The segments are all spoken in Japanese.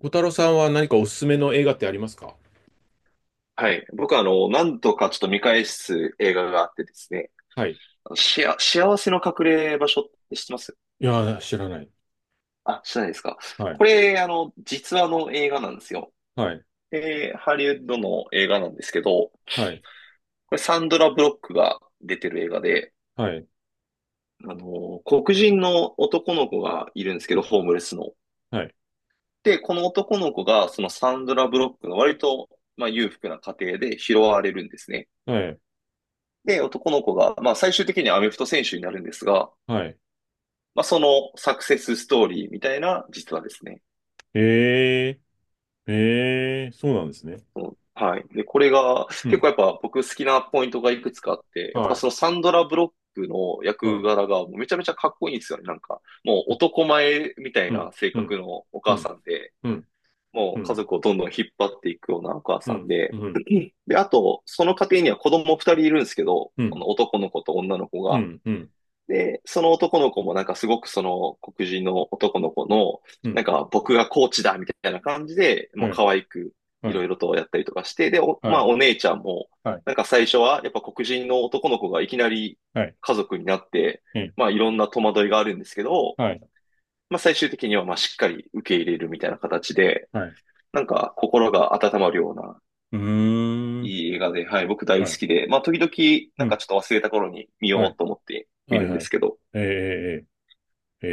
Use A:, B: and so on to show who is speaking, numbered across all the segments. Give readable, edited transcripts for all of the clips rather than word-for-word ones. A: 小太郎さんは何かおすすめの映画ってありますか？
B: はい。僕は、何度かちょっと見返す映画があってですね、
A: はい。
B: あのしあ、幸せの隠れ場所って知ってます？
A: いやー、知らない。
B: あ、知らないですか？
A: はい。
B: これ、実話の映画なんですよ。
A: はい。
B: ハリウッドの映画なんですけど、こ
A: はい。
B: れサンドラ・ブロックが出てる映画で、
A: はい。
B: 黒人の男の子がいるんですけど、ホームレスの。
A: はい。
B: で、この男の子が、そのサンドラ・ブロックの割と、まあ、裕福な家庭で拾われるんですね。
A: はい。
B: で、男の子が、まあ、最終的にはアメフト選手になるんですが、
A: はい。
B: まあ、そのサクセスストーリーみたいな実話ですね。
A: えー。えー。そうなんですね。
B: うん、はい。で、これが、
A: う
B: 結
A: ん。
B: 構やっぱ僕好きなポイントがいくつかあって、やっぱ
A: はい。
B: そのサンドラ・ブロックの
A: う
B: 役
A: ん。
B: 柄がもうめちゃめちゃかっこいいんですよね。なんか、もう
A: う
B: 男前みたい
A: ん。
B: な性
A: うん。
B: 格のお
A: う
B: 母
A: ん。
B: さんで、
A: うん。
B: も
A: う
B: う家
A: ん。
B: 族をどんどん引っ張っていくようなお母
A: う
B: さん
A: ん。う
B: で、
A: ん。
B: で、あと、その家庭には子供二人いるんですけど、
A: うん。う
B: あ
A: ん。
B: の男の子と女の子
A: う
B: が。
A: ん。
B: で、その男の子もなんかすごくその黒人の男の子の、
A: う
B: な
A: ん。
B: んか僕がコーチだみたいな感じで、もう
A: はい。
B: 可愛くい
A: は
B: ろ
A: い。
B: いろとやったりとかして、で、
A: は
B: まあ
A: い。
B: お姉ちゃんも、なんか最初はやっぱ黒人の男の子がいきなり
A: はい。
B: 家族になって、
A: はい。
B: まあいろんな戸惑いがあるんですけど、
A: はい。
B: まあ最終的にはまあしっかり受け入れるみたいな形で、
A: はい。
B: なんか心が温まるような、
A: うーん。
B: いい映画で、はい、僕大好
A: はい。
B: きで、まあ時々
A: う
B: なんか
A: ん。
B: ちょっと忘れた頃に見
A: は
B: よ
A: い。
B: うと思って見
A: は
B: る
A: い。
B: んで
A: は
B: す
A: い。
B: けど、
A: えー。えー、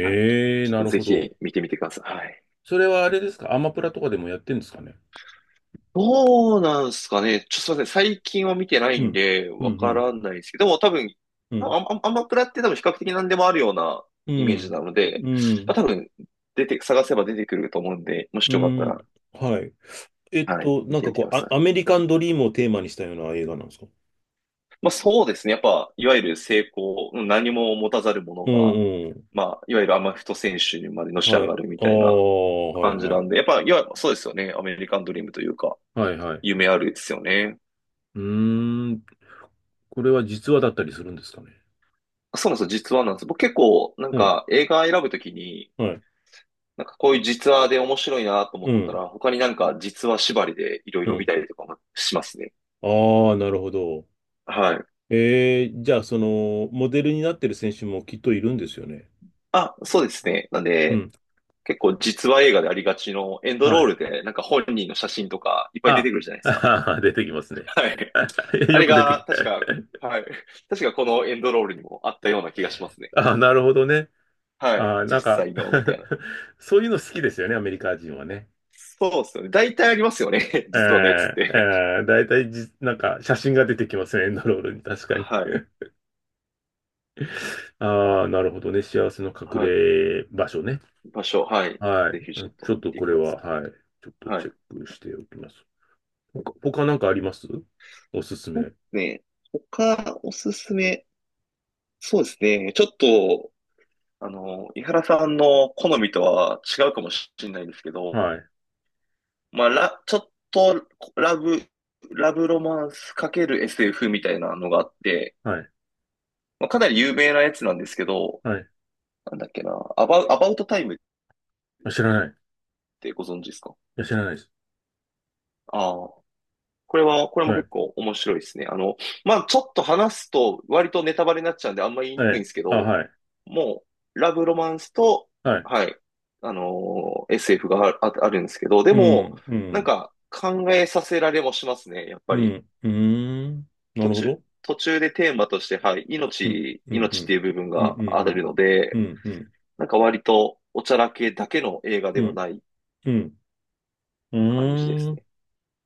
B: はい。ちょ
A: ー、
B: っ
A: な
B: と
A: る
B: ぜ
A: ほど。
B: ひ見てみてください。はい。
A: それはあれですかアマプラとかでもやってんですかね？
B: どうなんすかね。ちょっとすいません。最近は見てない
A: う
B: ん
A: ん、
B: で、
A: う
B: わか
A: ん、
B: らないですけど、でも多分、
A: うん、
B: アマプラって多分比較的何でもあるような
A: う
B: イメージ
A: ん、
B: なの
A: う
B: で、
A: ん、う
B: まあ、
A: ん、
B: 多分、探せば出てくると思うんで、もし
A: う
B: よかった
A: ん、
B: ら、
A: はい。
B: はい、見
A: なん
B: て
A: か
B: みて
A: こ
B: くだ
A: う、
B: さ
A: ア
B: い。
A: メリカンドリームをテーマにしたような映画なんですか？
B: まあそうですね。やっぱ、いわゆる成功、うん、何も持たざるもの
A: う
B: が、
A: んうん。
B: まあ、いわゆるアマフト選手にまでのし
A: は
B: 上
A: い。
B: がるみ
A: ああ、
B: たいな
A: はい
B: 感じ
A: は
B: な
A: い。
B: んで、やっぱ、そうですよね。アメリカンドリームというか、
A: はいはい。
B: 夢あるですよね。
A: うーん。これは実話だったりするんですかね？
B: そうなんですよ、実話なんです。僕結構、なん
A: うん、
B: か映画選ぶときに、
A: はい。
B: なんかこういう実話で面白いなと思
A: う
B: った
A: ん、
B: ら、他になんか実話縛りでいろい
A: う
B: ろ見
A: ん。
B: たりとかもしますね。
A: ああ、なるほど。
B: はい。
A: えー、じゃあ、その、モデルになってる選手もきっといるんですよね。
B: あ、そうですね。なん
A: う
B: で、
A: ん。
B: 結構実話映画でありがちのエンド
A: は
B: ロー
A: い。
B: ルで、なんか本人の写真とかいっぱい出て
A: あ、
B: くるじゃないですか。
A: あー出てきますね。
B: はい。あ
A: よ
B: れ
A: く出てき
B: が、
A: た。
B: 確か、はい。確かこのエンドロールにもあったような気がしますね。
A: あ、なるほどね。
B: はい。
A: あ、
B: 実
A: なんか
B: 際の、みたいな。
A: そういうの好きですよね、アメリカ人はね。
B: そうですよね。大体ありますよね。
A: え
B: 実話のやつっ
A: ー、
B: て。
A: えー、大体じ、なんか写真が出てきますね、エンドロールに、確かに。
B: はい。
A: ああ、なるほどね。幸せの隠
B: はい。
A: れ場所ね。
B: 場所、はい。
A: はい。
B: ぜひちょっ
A: ち
B: と
A: ょっ
B: 見
A: と
B: て
A: こ
B: く
A: れ
B: だ
A: は、
B: さ
A: はい。ちょっ
B: い。
A: と
B: は
A: チ
B: い。
A: ェックしておきます。他なんかあります？おすす
B: そ
A: め。
B: うね。他、おすすめ。そうですね。ちょっと、井原さんの好みとは違うかもしれないですけど、
A: はい。
B: まあ、ちょっと、ラブ、ラブロマンス ×SF みたいなのがあって、
A: はい。
B: まあ、かなり有名なやつなんですけど、
A: はい。
B: なんだっけな、アバウトタイムっ
A: あ知らない。い
B: てご存知ですか？
A: や、知らないです。
B: ああー、これ
A: は
B: も結
A: い。
B: 構面白いですね。まあ、ちょっと話すと割とネタバレになっちゃうんであんま言いに
A: は
B: くいん
A: い。
B: ですけ
A: あ、
B: ど、
A: はい。
B: もう、ラブロマンスと、
A: はい。
B: はい、SF があるんですけど、で
A: う
B: も、
A: ん、う
B: なん
A: ん、
B: か考えさせられもしますね、やっ
A: う
B: ぱり。
A: ん、うーん。な
B: 途
A: るほ
B: 中、
A: ど。
B: でテーマとして、はい、
A: うん、
B: 命、
A: うん、う
B: 命って
A: ん、
B: いう部分
A: うん、
B: が
A: う
B: ある
A: ん、
B: の
A: う
B: で、
A: ん、うん、
B: なんか割とおちゃらけだけの映画
A: う
B: では
A: ん、
B: ない
A: うん、う
B: 感じで
A: ん、
B: す
A: うーん。
B: ね。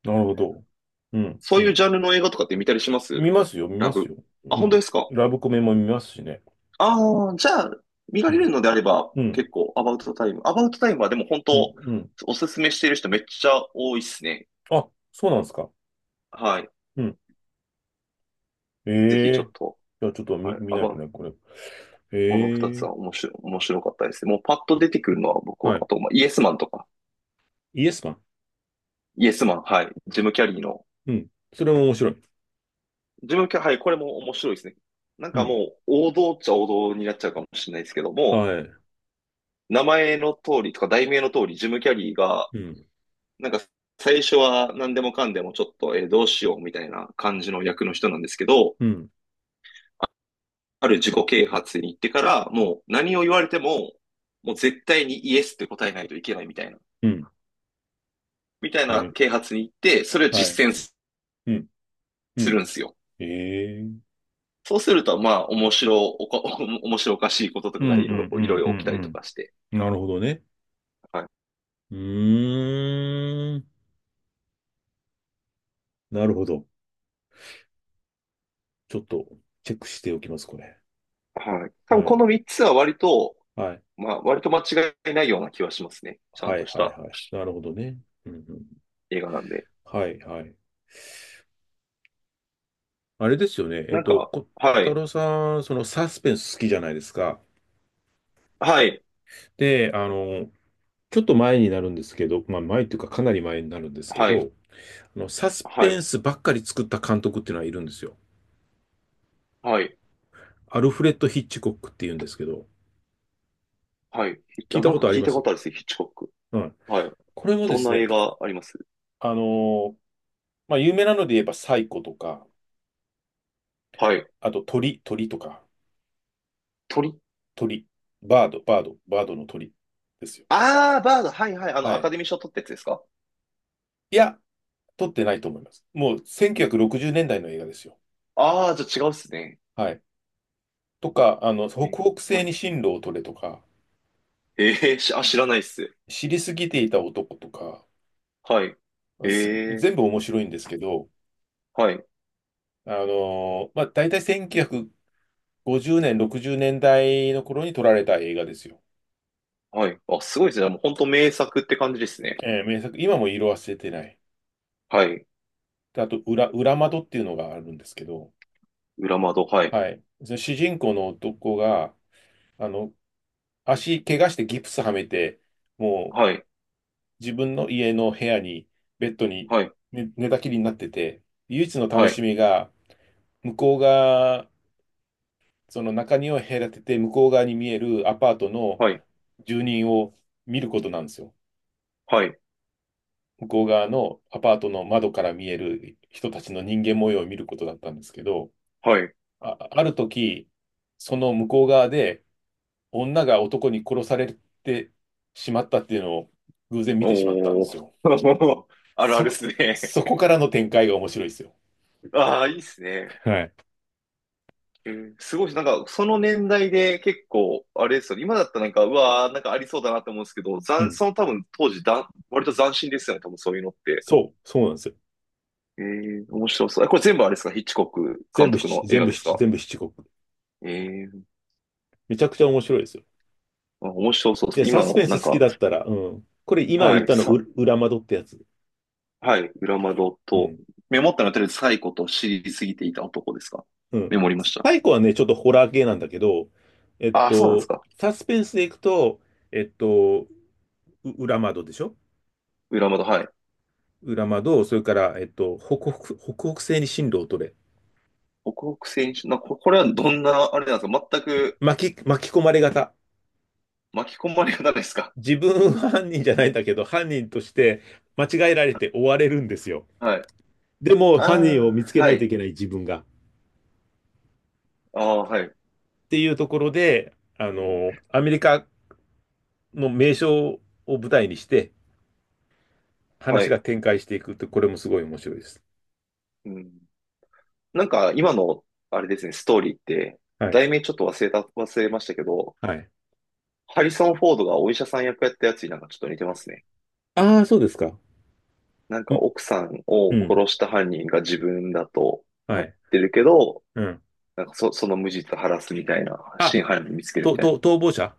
A: なるほど。うん、
B: そ
A: う
B: ういうジ
A: ん。
B: ャンルの映画とかって見たりします？
A: 見ますよ、見
B: ラ
A: ます
B: ブ。
A: よ。
B: あ、
A: う
B: 本当
A: ん。
B: ですか？
A: ラブコメも見ますしね。
B: ああ、じゃあ、見ら
A: う
B: れ
A: ん、
B: るのであれば、
A: うん、
B: 結構、アバウトタイム。アバウトタイムはでも本
A: うん、
B: 当、
A: うん。
B: おすすめしてる人めっちゃ多いっすね。
A: あ、そうなんですか。
B: はい。
A: うん。
B: ぜひ
A: え
B: ちょっ
A: え、
B: と、
A: じゃあちょっと
B: はい。
A: 見ないとね、これ。
B: この二
A: え
B: つは
A: え、
B: 面白かったですね。もうパッと出てくるのは僕は、
A: はい。
B: あと、まあ、イエスマンとか、
A: イエスマン。
B: イエスマン、はい。ジム・キャリーの、
A: うん。それも面白い。
B: ジム・キャリー、はい、これも面白いですね。なん
A: う
B: か
A: ん。
B: もう、王道っちゃ王道になっちゃうかもしれないですけども、
A: はい。
B: 名前の通りとか題名の通り、ジム・キャリーが、
A: うん、
B: なんか最初は何でもかんでもちょっと、えーどうしようみたいな感じの役の人なんですけど、
A: うん、
B: あある自己啓発に行ってからもう何を言われても、もう絶対にイエスって答えないといけないみたいな、
A: うん。え
B: 啓
A: え、
B: 発に行って、それを
A: はい。
B: 実践す
A: うん、う
B: す
A: ん。
B: るんですよ。
A: ええ、うん、
B: そうすると、まあ、面白おか、面白おかしいことと
A: う
B: かが
A: ん、うん、
B: いろいろ起きたりとかし
A: う
B: て。
A: ん、なるほどね。
B: はい。
A: うーん。なるほど。ちょっとチェックしておきます、これ。
B: はい。多分
A: は
B: こ
A: い。
B: の3つは割と、
A: はい。
B: まあ、割と間違いないような気はしますね。ちゃん
A: は
B: と
A: い、
B: し
A: はい、
B: た
A: はい。なるほどね。うんうん、
B: 映画なんで。
A: はい、はい。あれですよね。
B: なんか、
A: 小
B: は
A: 太
B: い。
A: 郎さん、そのサスペンス好きじゃないですか？
B: はい。
A: で、ちょっと前になるんですけど、まあ前というかかなり前になるんですけ
B: はい。
A: ど、サス
B: は
A: ペン
B: い。
A: スばっかり作った監督っていうのはいるんですよ。
B: はい。
A: アルフレッド・ヒッチコックっていうんですけど、
B: はい。ヒ
A: 聞
B: ッ
A: い
B: あ、
A: た
B: なん
A: こ
B: か
A: とあり
B: 聞い
A: ま
B: たこ
A: す？
B: とあるですね、ヒッチコック。
A: はい。
B: はい。
A: これもで
B: どん
A: す
B: な
A: ね、
B: 映画あります？
A: あのーまあ、有名なので言えばサイコとか、
B: はい。
A: あと鳥とか、
B: 鳥、
A: 鳥、バードの鳥ですよ。
B: ああ、バード。はいはい。
A: は
B: アカ
A: い。
B: デミー賞取ったやつですか？
A: いや、撮ってないと思います。もう1960年代の映画ですよ。
B: ああー、じゃあ違うっすね。
A: はい。とか、北
B: え、
A: 北西
B: はい。
A: に進路を取れとか、
B: えーし、あ、
A: はい。
B: 知らないっす。
A: 知りすぎていた男とか、
B: はい。え
A: 全部
B: え、
A: 面白いんですけど、
B: はい。
A: まあ、大体1950年、60年代の頃に撮られた映画ですよ。
B: はい。あ、すごいですね。もう本当名作って感じですね。
A: 名作、今も色褪せてない。
B: はい。
A: であと裏窓っていうのがあるんですけど、
B: 裏窓。はい。
A: はい。その主人公の男が、あの、足怪我してギプスはめて、もう
B: はい。
A: 自分の家の部屋に、ベッドに
B: はい。
A: 寝たきりになってて、唯一の楽
B: は
A: し
B: い。
A: みが、向こう側、その中庭を隔てて、向こう側に見えるアパートの
B: はい。
A: 住人を見ることなんですよ。
B: はい。
A: 向こう側のアパートの窓から見える人たちの人間模様を見ることだったんですけど、
B: はい。
A: ある時、その向こう側で、女が男に殺されてしまったっていうのを偶然見てしまったんで
B: お
A: す
B: ー。
A: よ。
B: あるあ
A: そ
B: るっ
A: こ、
B: すね。
A: そこからの展開が面白いですよ。
B: ああ、いいっすね。
A: はい。
B: すごいし、なんか、その年代で結構、あれですよね。今だったらなんか、うわー、なんかありそうだなって思うんですけど、
A: うん。
B: その多分当時だ、割と斬新ですよね、多分そういうのって。
A: そうなんですよ。
B: 面白そう。これ全部あれですか？ヒッチコック
A: 全
B: 監
A: 部
B: 督
A: 七、
B: の映
A: 全
B: 画
A: 部
B: です
A: 七、
B: か？
A: 全部七国。
B: えー、
A: めちゃくちゃ面白いですよ。
B: あ、面白そうで
A: で、
B: す。
A: サ
B: 今
A: ス
B: の、
A: ペン
B: なん
A: ス好き
B: か、
A: だったら、うん。これ今
B: は
A: 言っ
B: い、
A: たの、裏窓ってやつ。
B: はい、裏窓
A: う
B: と、
A: ん。
B: メモったのやってるサイコと知りすぎていた男ですか？
A: うん。
B: メモりました。
A: 最後はね、ちょっとホラー系なんだけど、
B: ああ、そうなんですか。
A: サスペンスでいくと、えっと、裏窓でしょ？
B: 裏窓、はい。
A: 裏窓、それから、北北西に進路を取れ。
B: 北北選手、これはどんな、あれなんですか、全く？
A: 巻き込まれ型。
B: 巻き込まれ方ですか？
A: 自分は犯人じゃないんだけど、犯人として間違えられて追われるんですよ。
B: はい。
A: でも、犯人を
B: あ
A: 見つ
B: あ、
A: けな
B: は
A: いと
B: い。
A: いけない自分が。っ
B: ああ、はい。
A: ていうところで、
B: えー
A: アメリカの名所を舞台にして、
B: は
A: 話が
B: い。
A: 展開していくって、これもすごい面白いです。
B: うん。なんか、今の、あれですね、ストーリーって、
A: はい。
B: 題名ちょっと忘れましたけど、
A: はい。
B: ハリソン・フォードがお医者さん役やったやつになんかちょっと似てますね。
A: ああ、そうですか。
B: なん
A: う
B: か、
A: ん、
B: 奥さんを
A: うん。
B: 殺した犯人が自分だと
A: は
B: なっ
A: い。
B: てるけど、
A: うん。
B: なんかその無実を晴らすみたいな、
A: あ、
B: 真犯人見つけるみたいな。
A: と、逃亡者。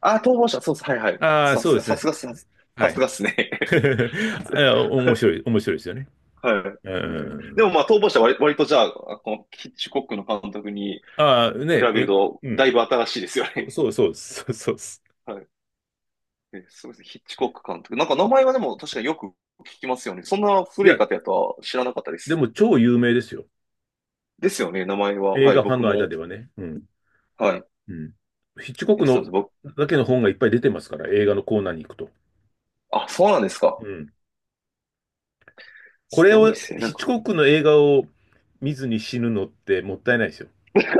B: ああ、逃亡者、そうです。はいはい。
A: ああー、そうですね。
B: さ
A: はい。
B: すがっすね。
A: あ面白いですよね。
B: はい。
A: う
B: うん、で
A: ん。
B: もまあ、逃亡者は割とじゃあ、このヒッチコックの監督に
A: ああ、
B: 比
A: ね、
B: べる
A: え、
B: と、
A: う
B: だ
A: ん。
B: いぶ新しいですよね。
A: そうそうそうです。そうそうです。
B: はい。そうですね。ヒッチコック監督。なんか名前はでも確かによく聞きますよね。そんな
A: い
B: 古い
A: や、
B: 方やとは知らなかったで
A: で
B: す。
A: も超有名ですよ。
B: ですよね、名前は。
A: 映
B: はい、
A: 画ファン
B: 僕
A: の間
B: も。
A: ではね。うん。
B: はい。い
A: うん。ヒッチコック
B: や、すいま
A: の
B: せん。
A: だけの本がいっぱい出てますから、映画のコーナーに行くと。
B: あ、そうなんです
A: う
B: か。
A: ん。こ
B: す
A: れ
B: ごい
A: を、
B: っすね。な
A: ヒ
B: ん
A: ッチ
B: か。
A: コックの映画を見ずに死ぬのってもったいないですよ。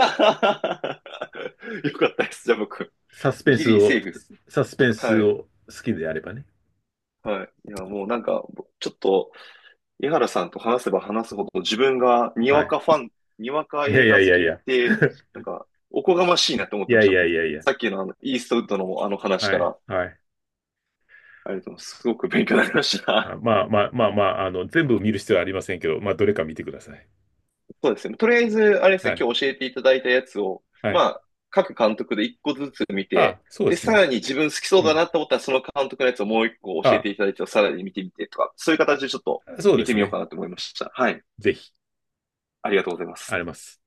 B: よかったです。じゃあ僕、
A: サスペン
B: ギ
A: ス
B: リセ
A: を、
B: ーフです。
A: サスペン
B: は
A: ス
B: い。
A: を好きであればね。
B: はい。いや、もうなんか、ちょっと、江原さんと話せば話すほど自分が
A: はい。
B: にわか
A: いや
B: 映
A: いや
B: 画
A: い
B: 好
A: やい
B: きっ
A: や。
B: て、なんか、おこがましいなって思 っ
A: い
B: てま
A: や
B: し
A: い
B: た。も
A: や
B: う、
A: いやいや。
B: さっきのイーストウッドのあの話
A: は
B: か
A: い。
B: ら、
A: はい。
B: ありがとうございます。すごく勉強になりまし
A: あ、
B: た。
A: まあまあまあまあ、全部見る必要はありませんけど、まあ、どれか見てください。
B: そうですね。とりあえず、あれです
A: は
B: ね、
A: い。
B: 今日教えていただいたやつを、
A: は
B: ま
A: い。
B: あ、各監督で一個ずつ見
A: あ、
B: て、
A: そうで
B: で、
A: す
B: さ
A: ね。
B: らに自分好きそう
A: う
B: だ
A: ん。
B: なと思ったら、その監督のやつをもう一個教えて
A: あ、
B: いただいて、さらに見てみてとか、そういう形でちょっと
A: そう
B: 見
A: で
B: て
A: す
B: みよう
A: ね。
B: かなと思いました。はい。
A: ぜひ、
B: ありがとうございま
A: あ
B: す。
A: ります。